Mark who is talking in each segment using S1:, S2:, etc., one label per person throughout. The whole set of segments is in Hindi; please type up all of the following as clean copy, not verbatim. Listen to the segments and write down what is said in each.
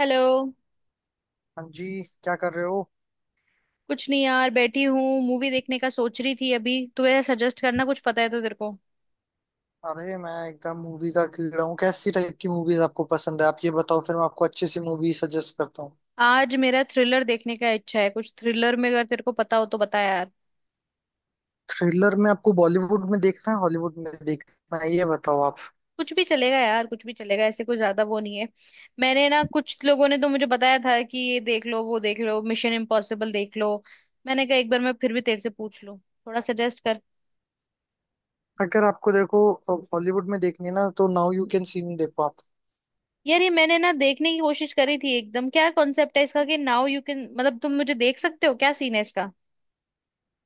S1: हेलो।
S2: हाँ जी। क्या कर रहे हो।
S1: कुछ नहीं यार, बैठी हूँ मूवी देखने का सोच रही थी अभी। तू यार सजेस्ट करना, कुछ पता है तो तेरे को।
S2: अरे मैं एकदम मूवी का कीड़ा हूँ। कैसी टाइप की मूवीज आपको पसंद है, आप ये बताओ, फिर मैं आपको अच्छी सी मूवी सजेस्ट करता हूँ।
S1: आज मेरा थ्रिलर देखने का इच्छा है। कुछ थ्रिलर में अगर तेरे को पता हो तो बता यार।
S2: थ्रिलर में आपको बॉलीवुड में देखना है हॉलीवुड में देखना है, ये बताओ आप।
S1: कुछ भी चलेगा यार, कुछ भी चलेगा, ऐसे कोई ज्यादा वो नहीं है। मैंने ना, कुछ लोगों ने तो मुझे बताया था कि ये देख लो, वो देख लो, मिशन इम्पॉसिबल देख लो। मैंने कहा एक बार मैं फिर भी तेरे से पूछ लूँ, थोड़ा सजेस्ट कर।
S2: अगर आपको देखो हॉलीवुड में देखनी है ना तो now you can see me देखो आप।
S1: यार, ये मैंने ना देखने की कोशिश करी थी एकदम। क्या कॉन्सेप्ट है इसका कि नाउ यू कैन, मतलब तुम मुझे देख सकते हो, क्या सीन है इसका?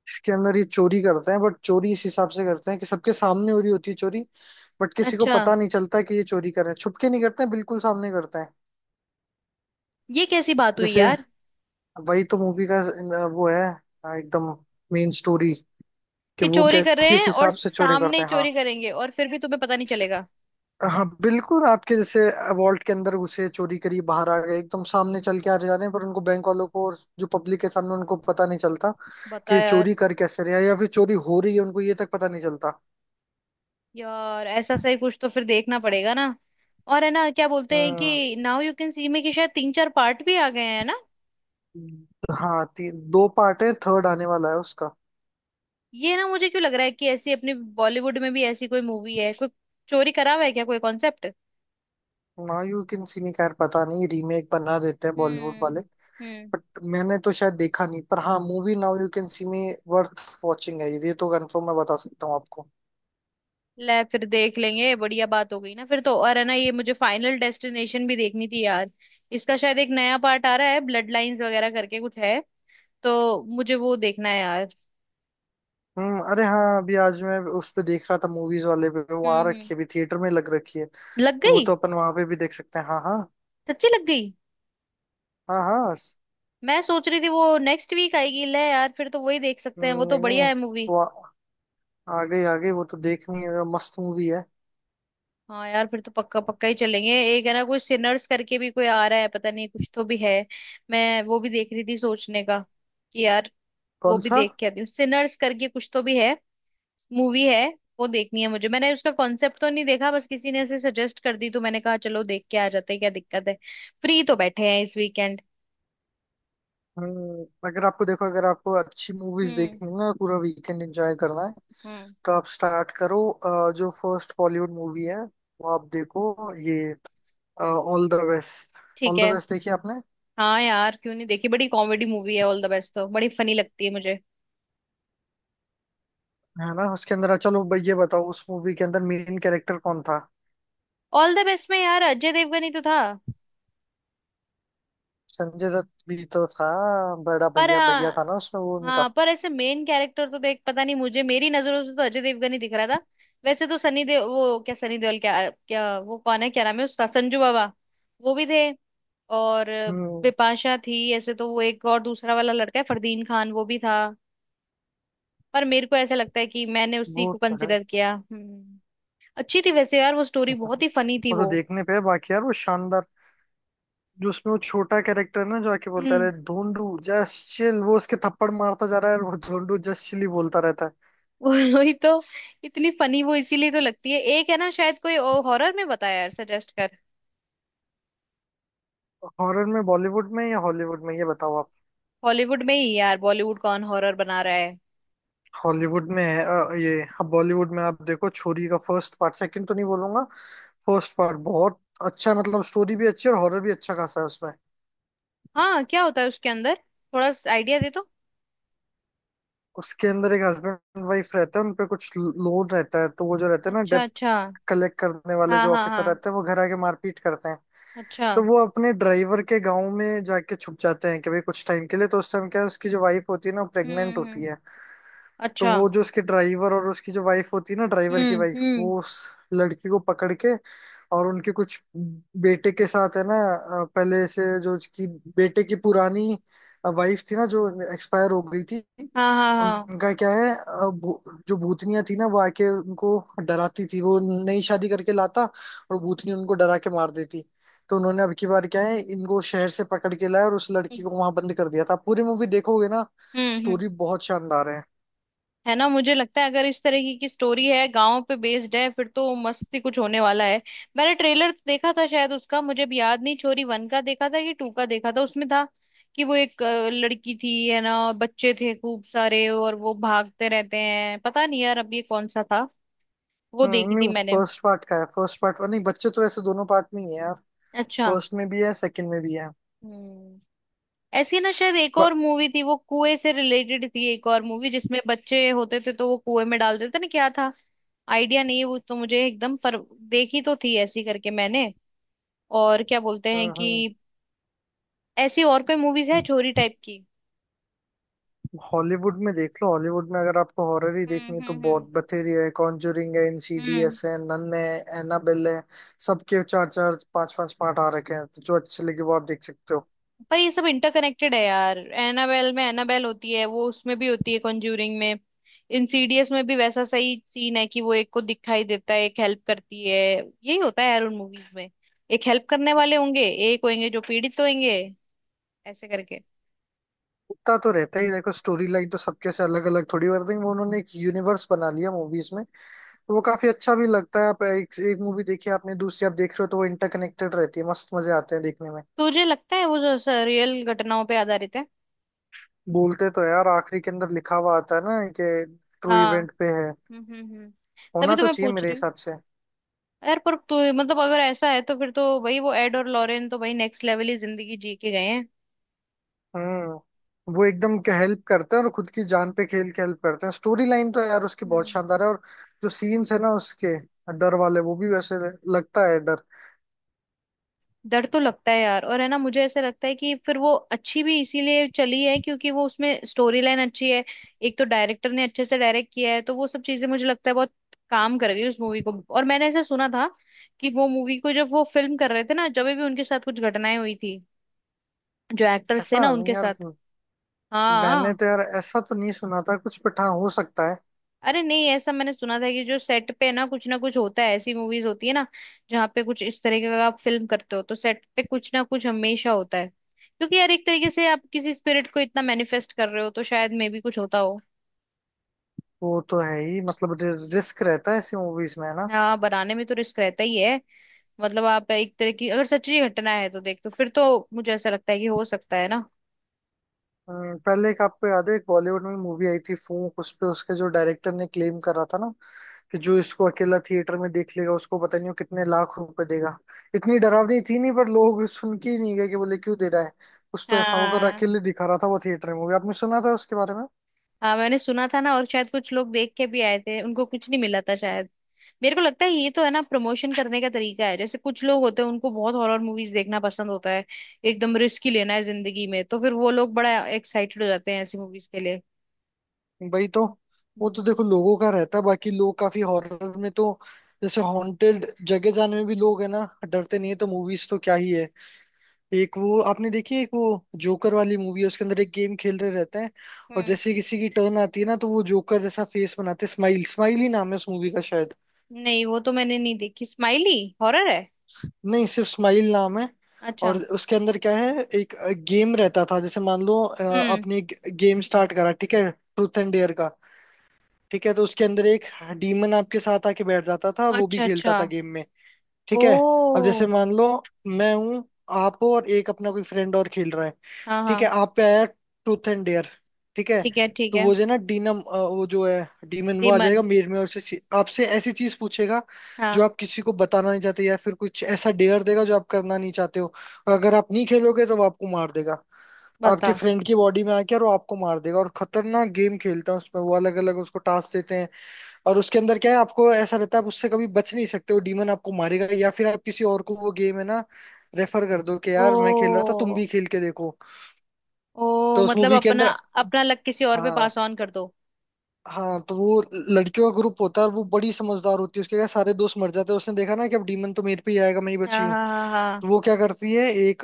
S2: इसके अंदर ये चोरी करते हैं, बट चोरी इस हिसाब से करते हैं कि सबके सामने हो रही होती है चोरी। बट किसी को
S1: अच्छा।
S2: पता नहीं चलता कि ये चोरी कर रहे हैं, छुपके नहीं करते हैं, बिल्कुल सामने करते हैं।
S1: ये कैसी बात हुई
S2: जैसे
S1: यार?
S2: वही तो मूवी का वो है एकदम मेन स्टोरी कि
S1: कि
S2: वो
S1: चोरी
S2: कैस
S1: कर रहे
S2: किस
S1: हैं और
S2: हिसाब से चोरी
S1: सामने
S2: करते
S1: ही
S2: हैं। हाँ,
S1: चोरी करेंगे और फिर भी तुम्हें पता नहीं चलेगा?
S2: हाँ बिल्कुल आपके जैसे वॉल्ट के अंदर घुसे चोरी करी बाहर आ गए, एकदम सामने चल के आ जा रहे हैं, पर उनको बैंक वालों को और जो पब्लिक के सामने उनको पता नहीं चलता
S1: बता
S2: कि
S1: यार।
S2: चोरी कर कैसे रहे हैं या फिर चोरी हो रही है, उनको ये तक पता नहीं चलता।
S1: यार ऐसा सही कुछ तो फिर देखना पड़ेगा ना। और है ना, क्या बोलते हैं
S2: हम्म।
S1: कि नाउ यू कैन सी में, कि शायद तीन चार पार्ट भी आ गए हैं ना।
S2: हाँ, दो पार्ट है, थर्ड आने वाला है उसका।
S1: ये ना मुझे क्यों लग रहा है कि ऐसी अपनी बॉलीवुड में भी ऐसी कोई मूवी है, कोई चोरी करा हुआ है क्या, कोई concept?
S2: Now you can see me, खैर पता नहीं, रीमेक बना देते हैं बॉलीवुड वाले।
S1: हम्म। हम्म।
S2: बट मैंने तो शायद देखा नहीं, पर हाँ movie now you can see me worth watching है, ये तो कंफर्म मैं बता सकता हूँ आपको।
S1: ले, फिर देख लेंगे, बढ़िया बात हो गई ना फिर तो। और है ना, ये मुझे फाइनल डेस्टिनेशन भी देखनी थी यार। इसका शायद एक नया पार्ट आ रहा है, ब्लड लाइंस वगैरह करके कुछ है। तो मुझे वो देखना है यार।
S2: हम्म। अरे हाँ, अभी आज मैं उस पे देख रहा था मूवीज वाले पे,
S1: हम्म।
S2: वहां
S1: हम्म।
S2: रखी है, अभी थिएटर में लग रखी है।
S1: लग
S2: तो वो
S1: गई?
S2: तो अपन वहां पे भी देख सकते हैं। हाँ हाँ।
S1: सच्ची लग गई?
S2: हाँ हाँ स-।
S1: मैं सोच रही थी वो नेक्स्ट वीक आएगी। ले यार, फिर तो वही देख सकते हैं, वो तो
S2: नहीं
S1: बढ़िया
S2: नहीं,
S1: है मूवी।
S2: वो आ आ गई आ गई, वो तो देखनी है, मस्त मूवी है।
S1: हाँ यार, फिर तो पक्का पक्का ही चलेंगे। एक है ना, कोई सिनर्स करके भी कोई आ रहा है, पता नहीं कुछ तो भी है। मैं वो भी देख रही थी, सोचने का कि यार, वो
S2: कौन
S1: भी
S2: सा।
S1: देख के आती हूँ। सिनर्स करके कुछ तो भी है, मूवी है, वो देखनी है मुझे। मैंने उसका कॉन्सेप्ट तो नहीं देखा, बस किसी ने ऐसे सजेस्ट कर दी तो मैंने कहा चलो देख के आ जाते हैं, क्या दिक्कत है। फ्री तो बैठे हैं इस वीकेंड।
S2: हम्म। अगर आपको देखो, अगर आपको अच्छी मूवीज
S1: हम्म।
S2: देखनी है और पूरा वीकेंड एंजॉय करना है,
S1: हम्म।
S2: तो आप स्टार्ट करो जो फर्स्ट बॉलीवुड मूवी है वो आप देखो, ये ऑल द बेस्ट।
S1: ठीक
S2: ऑल द
S1: है।
S2: बेस्ट देखी आपने।
S1: हाँ यार, क्यों नहीं देखी, बड़ी कॉमेडी मूवी है ऑल द बेस्ट, तो बड़ी फनी लगती है मुझे।
S2: है ना, उसके अंदर चलो भाई ये बताओ, उस मूवी के अंदर मेन कैरेक्टर कौन था।
S1: ऑल द बेस्ट में यार अजय देवगन ही तो था।
S2: संजय दत्त भी तो था, बड़ा
S1: पर
S2: भैया भैया
S1: हाँ।
S2: था ना उसमें, वो
S1: हाँ,
S2: उनका।
S1: पर ऐसे मेन कैरेक्टर तो देख, पता नहीं मुझे, मेरी नजरों से तो अजय देवगन ही दिख रहा था। वैसे तो सनी देओल, वो क्या सनी देओल, क्या क्या वो कौन है, क्या नाम है उसका, संजू बाबा, वो भी थे। और
S2: हम्म।
S1: बिपाशा थी ऐसे, तो वो एक और दूसरा वाला लड़का है फरदीन खान, वो भी था। पर मेरे को ऐसा लगता है कि मैंने उसी
S2: वो
S1: को
S2: तो है।
S1: कंसिडर किया। हम्म। अच्छी थी वैसे यार वो स्टोरी, बहुत ही फनी थी
S2: वो तो
S1: वो।
S2: देखने पे है, बाकी यार वो शानदार, जो उसमें वो छोटा कैरेक्टर ना जो आके बोलता
S1: हम्म।
S2: है ढूंढू जस्ट चिल, वो उसके थप्पड़ मारता जा रहा है और वो ढूंढू जस्ट चिल ही बोलता रहता है।
S1: वही तो। इतनी फनी वो इसीलिए तो लगती है। एक है ना, शायद कोई हॉरर में बता यार, सजेस्ट कर।
S2: हॉरर में बॉलीवुड में या हॉलीवुड में, ये बताओ आप।
S1: हॉलीवुड में ही यार, बॉलीवुड कौन हॉरर बना रहा है।
S2: हॉलीवुड में है ये अब बॉलीवुड में आप देखो छोरी का फर्स्ट पार्ट, सेकंड तो नहीं बोलूंगा। फर्स्ट पार्ट बहुत अच्छा है, मतलब स्टोरी भी अच्छी है और हॉरर भी अच्छा खासा है उसमें।
S1: हाँ, क्या होता है उसके अंदर? थोड़ा आइडिया दे तो।
S2: उसके अंदर एक हस्बैंड वाइफ रहते हैं, उन पे कुछ लोन रहता है, तो वो जो रहते हैं ना
S1: अच्छा,
S2: डेप्ट
S1: अच्छा।
S2: कलेक्ट करने वाले
S1: हाँ,
S2: जो
S1: हाँ,
S2: ऑफिसर
S1: हाँ।
S2: रहते हैं, वो घर आके मारपीट करते हैं।
S1: अच्छा।
S2: तो वो अपने ड्राइवर के गाँव में जाके छुप जाते हैं कि भाई कुछ टाइम के लिए, तो उस टाइम क्या है उसकी जो वाइफ होती है ना वो प्रेग्नेंट
S1: हम्म।
S2: होती
S1: हम्म।
S2: है। तो
S1: अच्छा।
S2: वो जो उसके ड्राइवर और उसकी जो वाइफ होती है ना, ड्राइवर की
S1: हम्म।
S2: वाइफ,
S1: हम्म।
S2: वो उस लड़की को पकड़ के और उनके कुछ बेटे के साथ है ना, पहले से जो उसकी बेटे की पुरानी वाइफ थी ना जो एक्सपायर हो गई थी,
S1: हाँ, हाँ, हाँ।
S2: उनका क्या है जो भूतनिया थी ना वो आके उनको डराती थी, वो नई शादी करके लाता और भूतनी उनको डरा के मार देती। तो उन्होंने अब की बार क्या है इनको शहर से पकड़ के लाया और उस लड़की को वहां बंद कर दिया था, पूरी मूवी देखोगे ना,
S1: हम्म। हम्म।
S2: स्टोरी बहुत शानदार है।
S1: है ना, मुझे लगता है अगर इस तरह की स्टोरी है, गांव पे बेस्ड है, फिर तो मस्ती कुछ होने वाला है। मैंने ट्रेलर देखा था शायद उसका, मुझे भी याद नहीं, छोरी वन का देखा था कि टू का देखा था, उसमें था कि वो एक लड़की थी है ना, बच्चे थे खूब सारे और वो भागते रहते हैं। पता नहीं यार अब ये कौन सा था, वो देखी थी
S2: हम्म।
S1: मैंने।
S2: फर्स्ट पार्ट का है, फर्स्ट पार्ट नहीं बच्चे तो ऐसे दोनों पार्ट में ही है यार,
S1: अच्छा।
S2: फर्स्ट में भी है सेकंड में भी है।
S1: हम्म। ऐसी ना शायद एक
S2: ब-।
S1: और मूवी थी, वो कुएं से रिलेटेड थी, एक और मूवी जिसमें बच्चे होते थे तो वो कुएं में डालते थे ना, क्या था? आइडिया नहीं है वो तो मुझे एकदम, पर देखी तो थी ऐसी करके मैंने। और क्या बोलते हैं
S2: हम्म।
S1: कि ऐसी और कोई मूवीज है चोरी टाइप की?
S2: हॉलीवुड में देख लो, हॉलीवुड में अगर आपको हॉरर ही
S1: हम्म।
S2: देखनी है तो
S1: हम्म। हम्म।
S2: बहुत बथेरी है, कॉन्जरिंग है,
S1: हम्म।
S2: इनसीडियस है, नन है, एनाबेल है। सबके चार चार पांच पांच पार्ट आ रखे हैं, तो जो अच्छे लगे वो आप देख सकते हो।
S1: पर ये सब इंटरकनेक्टेड है यार, एनाबेल में एनाबेल होती है, वो उसमें भी होती है कॉन्ज्यूरिंग में। इंसीडियस में भी वैसा सही सीन है कि वो एक को दिखाई देता है, एक हेल्प करती है। यही होता है यार उन मूवीज में, एक हेल्प करने वाले होंगे, एक होंगे जो पीड़ित होंगे, ऐसे करके।
S2: उतना तो रहता ही, देखो स्टोरी लाइन तो सबके से अलग अलग थोड़ी कर देंगे वो, उन्होंने एक यूनिवर्स बना लिया मूवीज में। वो काफी अच्छा भी लगता है, आप एक मूवी देखिए आपने दूसरी आप देख रहे हो तो वो इंटरकनेक्टेड रहती है, मस्त मजे आते हैं देखने में।
S1: तुझे लगता है वो जो रियल घटनाओं पे आधारित है?
S2: बोलते तो है और आखिरी के अंदर लिखा हुआ आता है ना कि ट्रू
S1: हाँ।
S2: इवेंट पे है,
S1: हम्म। हम्म। हम्म। तभी
S2: होना
S1: तो
S2: तो
S1: मैं
S2: चाहिए
S1: पूछ
S2: मेरे
S1: रही हूँ।
S2: हिसाब से।
S1: यार पर तू मतलब, अगर ऐसा है तो फिर तो भाई, वो एड और लॉरेन तो भाई नेक्स्ट लेवल ही जिंदगी जी के गए हैं।
S2: हम्म। वो एकदम हेल्प करते हैं और खुद की जान पे खेल के हेल्प करते हैं, स्टोरी लाइन तो यार उसकी बहुत
S1: हम्म।
S2: शानदार है। और जो सीन्स है ना उसके डर वाले, वो भी वैसे लगता है डर।
S1: डर तो लगता है यार। और है ना, मुझे ऐसा लगता है कि फिर वो अच्छी भी इसीलिए चली है क्योंकि वो उसमें स्टोरी लाइन अच्छी है। एक तो डायरेक्टर ने अच्छे से डायरेक्ट किया है, तो वो सब चीजें मुझे लगता है बहुत काम कर गई उस मूवी को। और मैंने ऐसा सुना था कि वो मूवी को जब वो फिल्म कर रहे थे ना, जब भी उनके साथ कुछ घटनाएं हुई थी, जो एक्टर्स थे ना
S2: ऐसा नहीं
S1: उनके
S2: यार,
S1: साथ।
S2: मैंने
S1: हाँ।
S2: तो यार ऐसा तो नहीं सुना था कुछ, बट हाँ हो सकता है।
S1: अरे नहीं, ऐसा मैंने सुना था कि जो सेट पे ना कुछ होता है ऐसी मूवीज होती है ना, जहाँ पे कुछ इस तरीके का आप फिल्म करते हो तो सेट पे कुछ ना कुछ हमेशा होता है, क्योंकि यार एक तरीके से आप किसी स्पिरिट को इतना मैनिफेस्ट कर रहे हो तो शायद मे भी कुछ होता हो।
S2: वो तो है ही, मतलब रिस्क रहता है ऐसी मूवीज में है ना।
S1: हाँ, बनाने में तो रिस्क रहता ही है। मतलब आप एक तरह की, अगर सच्ची घटना है तो देख तो फिर तो मुझे ऐसा लगता है कि हो सकता है ना।
S2: अ, पहले एक आपको याद है एक बॉलीवुड में मूवी आई थी फूंक, उस पे उसके जो डायरेक्टर ने क्लेम करा था ना कि जो इसको अकेला थिएटर में देख लेगा उसको पता नहीं वो कितने लाख रुपए देगा। इतनी डरावनी थी नहीं, पर लोग सुन के ही नहीं गए, कि बोले क्यों दे रहा है, कुछ तो ऐसा होगा, और
S1: हाँ।
S2: अकेले दिखा रहा था वो थिएटर में मूवी। आपने सुना था उसके बारे में।
S1: हाँ, मैंने सुना था ना, और शायद कुछ लोग देख के भी आए थे, उनको कुछ नहीं मिला था शायद। मेरे को लगता है ये तो है ना प्रमोशन करने का तरीका है, जैसे कुछ लोग होते हैं उनको बहुत हॉरर मूवीज देखना पसंद होता है, एकदम रिस्क ही लेना है जिंदगी में, तो फिर वो लोग बड़ा एक्साइटेड हो जाते हैं ऐसी मूवीज के लिए।
S2: वही तो, वो तो
S1: हम्म।
S2: देखो लोगों का रहता है, बाकी लोग काफी हॉरर में तो जैसे हॉन्टेड जगह जाने में भी लोग है ना डरते नहीं है, तो मूवीज तो क्या ही है। एक वो आपने देखी है, एक वो जोकर वाली मूवी है, उसके अंदर एक गेम खेल रहे रहते हैं और
S1: हम्म,
S2: जैसे ही किसी की टर्न आती है ना तो वो जोकर जैसा फेस बनाते हैं, स्माइल, स्माइल ही नाम है उस मूवी का शायद।
S1: नहीं, वो तो मैंने नहीं देखी स्माइली। हॉरर है?
S2: नहीं, सिर्फ स्माइल नाम है। और
S1: अच्छा।
S2: उसके अंदर क्या है, एक गेम रहता था, जैसे मान लो
S1: हम्म।
S2: आपने एक गेम स्टार्ट करा, ठीक है, ट्रूथ एंड डेयर का, ठीक है। तो उसके अंदर एक डीमन आपके साथ आके बैठ जाता था, वो भी
S1: अच्छा,
S2: खेलता
S1: अच्छा।
S2: था गेम में, ठीक है। अब जैसे
S1: ओ।
S2: मान लो मैं हूं, आप हो और एक अपना कोई फ्रेंड और खेल रहा है,
S1: हाँ,
S2: ठीक है,
S1: हाँ।
S2: आप पे आया ट्रूथ एंड डेयर, ठीक है।
S1: ठीक है, ठीक
S2: तो
S1: है।
S2: वो जो है ना डीनम, वो जो है डीमन, वो आ जाएगा
S1: दीमन?
S2: मेर में और उससे आपसे ऐसी चीज पूछेगा जो
S1: हाँ।
S2: आप किसी को बताना नहीं चाहते, या फिर कुछ ऐसा डेयर देगा जो आप करना नहीं चाहते हो। और अगर आप नहीं खेलोगे तो वो आपको मार देगा,
S1: बता।
S2: आपके फ्रेंड की बॉडी में आके, और वो आपको मार देगा। और खतरनाक गेम खेलता है उसमें वो, अलग अलग उसको टास्क देते हैं। और उसके अंदर क्या है, आपको ऐसा रहता है आप उससे कभी बच नहीं सकते, वो डीमन आपको मारेगा, या फिर आप किसी और को वो गेम है ना रेफर कर दो कि
S1: ओ।
S2: यार मैं खेल रहा था तुम भी खेल के देखो।
S1: ओ
S2: तो उस
S1: मतलब
S2: मूवी के
S1: अपना,
S2: अंदर
S1: अपना लक किसी और पे
S2: हाँ,
S1: पास ऑन कर दो।
S2: हाँ तो वो लड़कियों का ग्रुप होता है और वो बड़ी समझदार होती है उसके, क्या सारे दोस्त मर जाते हैं उसने देखा ना कि अब डीमन तो मेरे पे ही आएगा, मैं ही बची
S1: हाँ,
S2: हूँ।
S1: हाँ, हाँ, हाँ।
S2: तो वो क्या करती है एक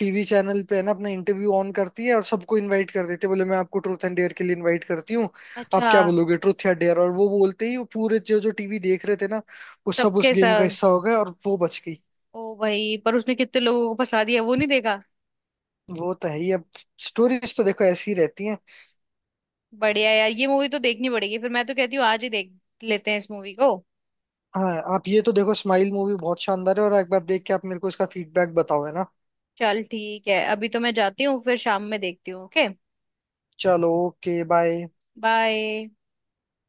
S2: टीवी चैनल पे है ना अपना इंटरव्यू ऑन करती है और सबको इनवाइट कर देती है, बोले मैं आपको ट्रूथ एंड डेयर के लिए इनवाइट करती हूँ, आप
S1: अच्छा।
S2: क्या बोलोगे ट्रूथ या डेयर। और वो बोलते ही वो पूरे जो जो टीवी देख रहे थे ना वो सब उस
S1: सबके
S2: गेम का
S1: साथ।
S2: हिस्सा हो गए, और वो बच गई।
S1: ओ भाई, पर उसने कितने लोगों को फंसा दिया वो नहीं देखा।
S2: वो तो है ही, अब स्टोरीज तो देखो ऐसी ही रहती हैं।
S1: बढ़िया यार, ये मूवी तो देखनी पड़ेगी फिर। मैं तो कहती हूँ आज ही देख लेते हैं इस मूवी को।
S2: हाँ, आप ये तो देखो स्माइल मूवी बहुत शानदार है, और एक बार देख के आप मेरे को इसका फीडबैक बताओ, है ना।
S1: चल ठीक है, अभी तो मैं जाती हूँ, फिर शाम में देखती हूँ। ओके।
S2: चलो ओके बाय।
S1: बाय।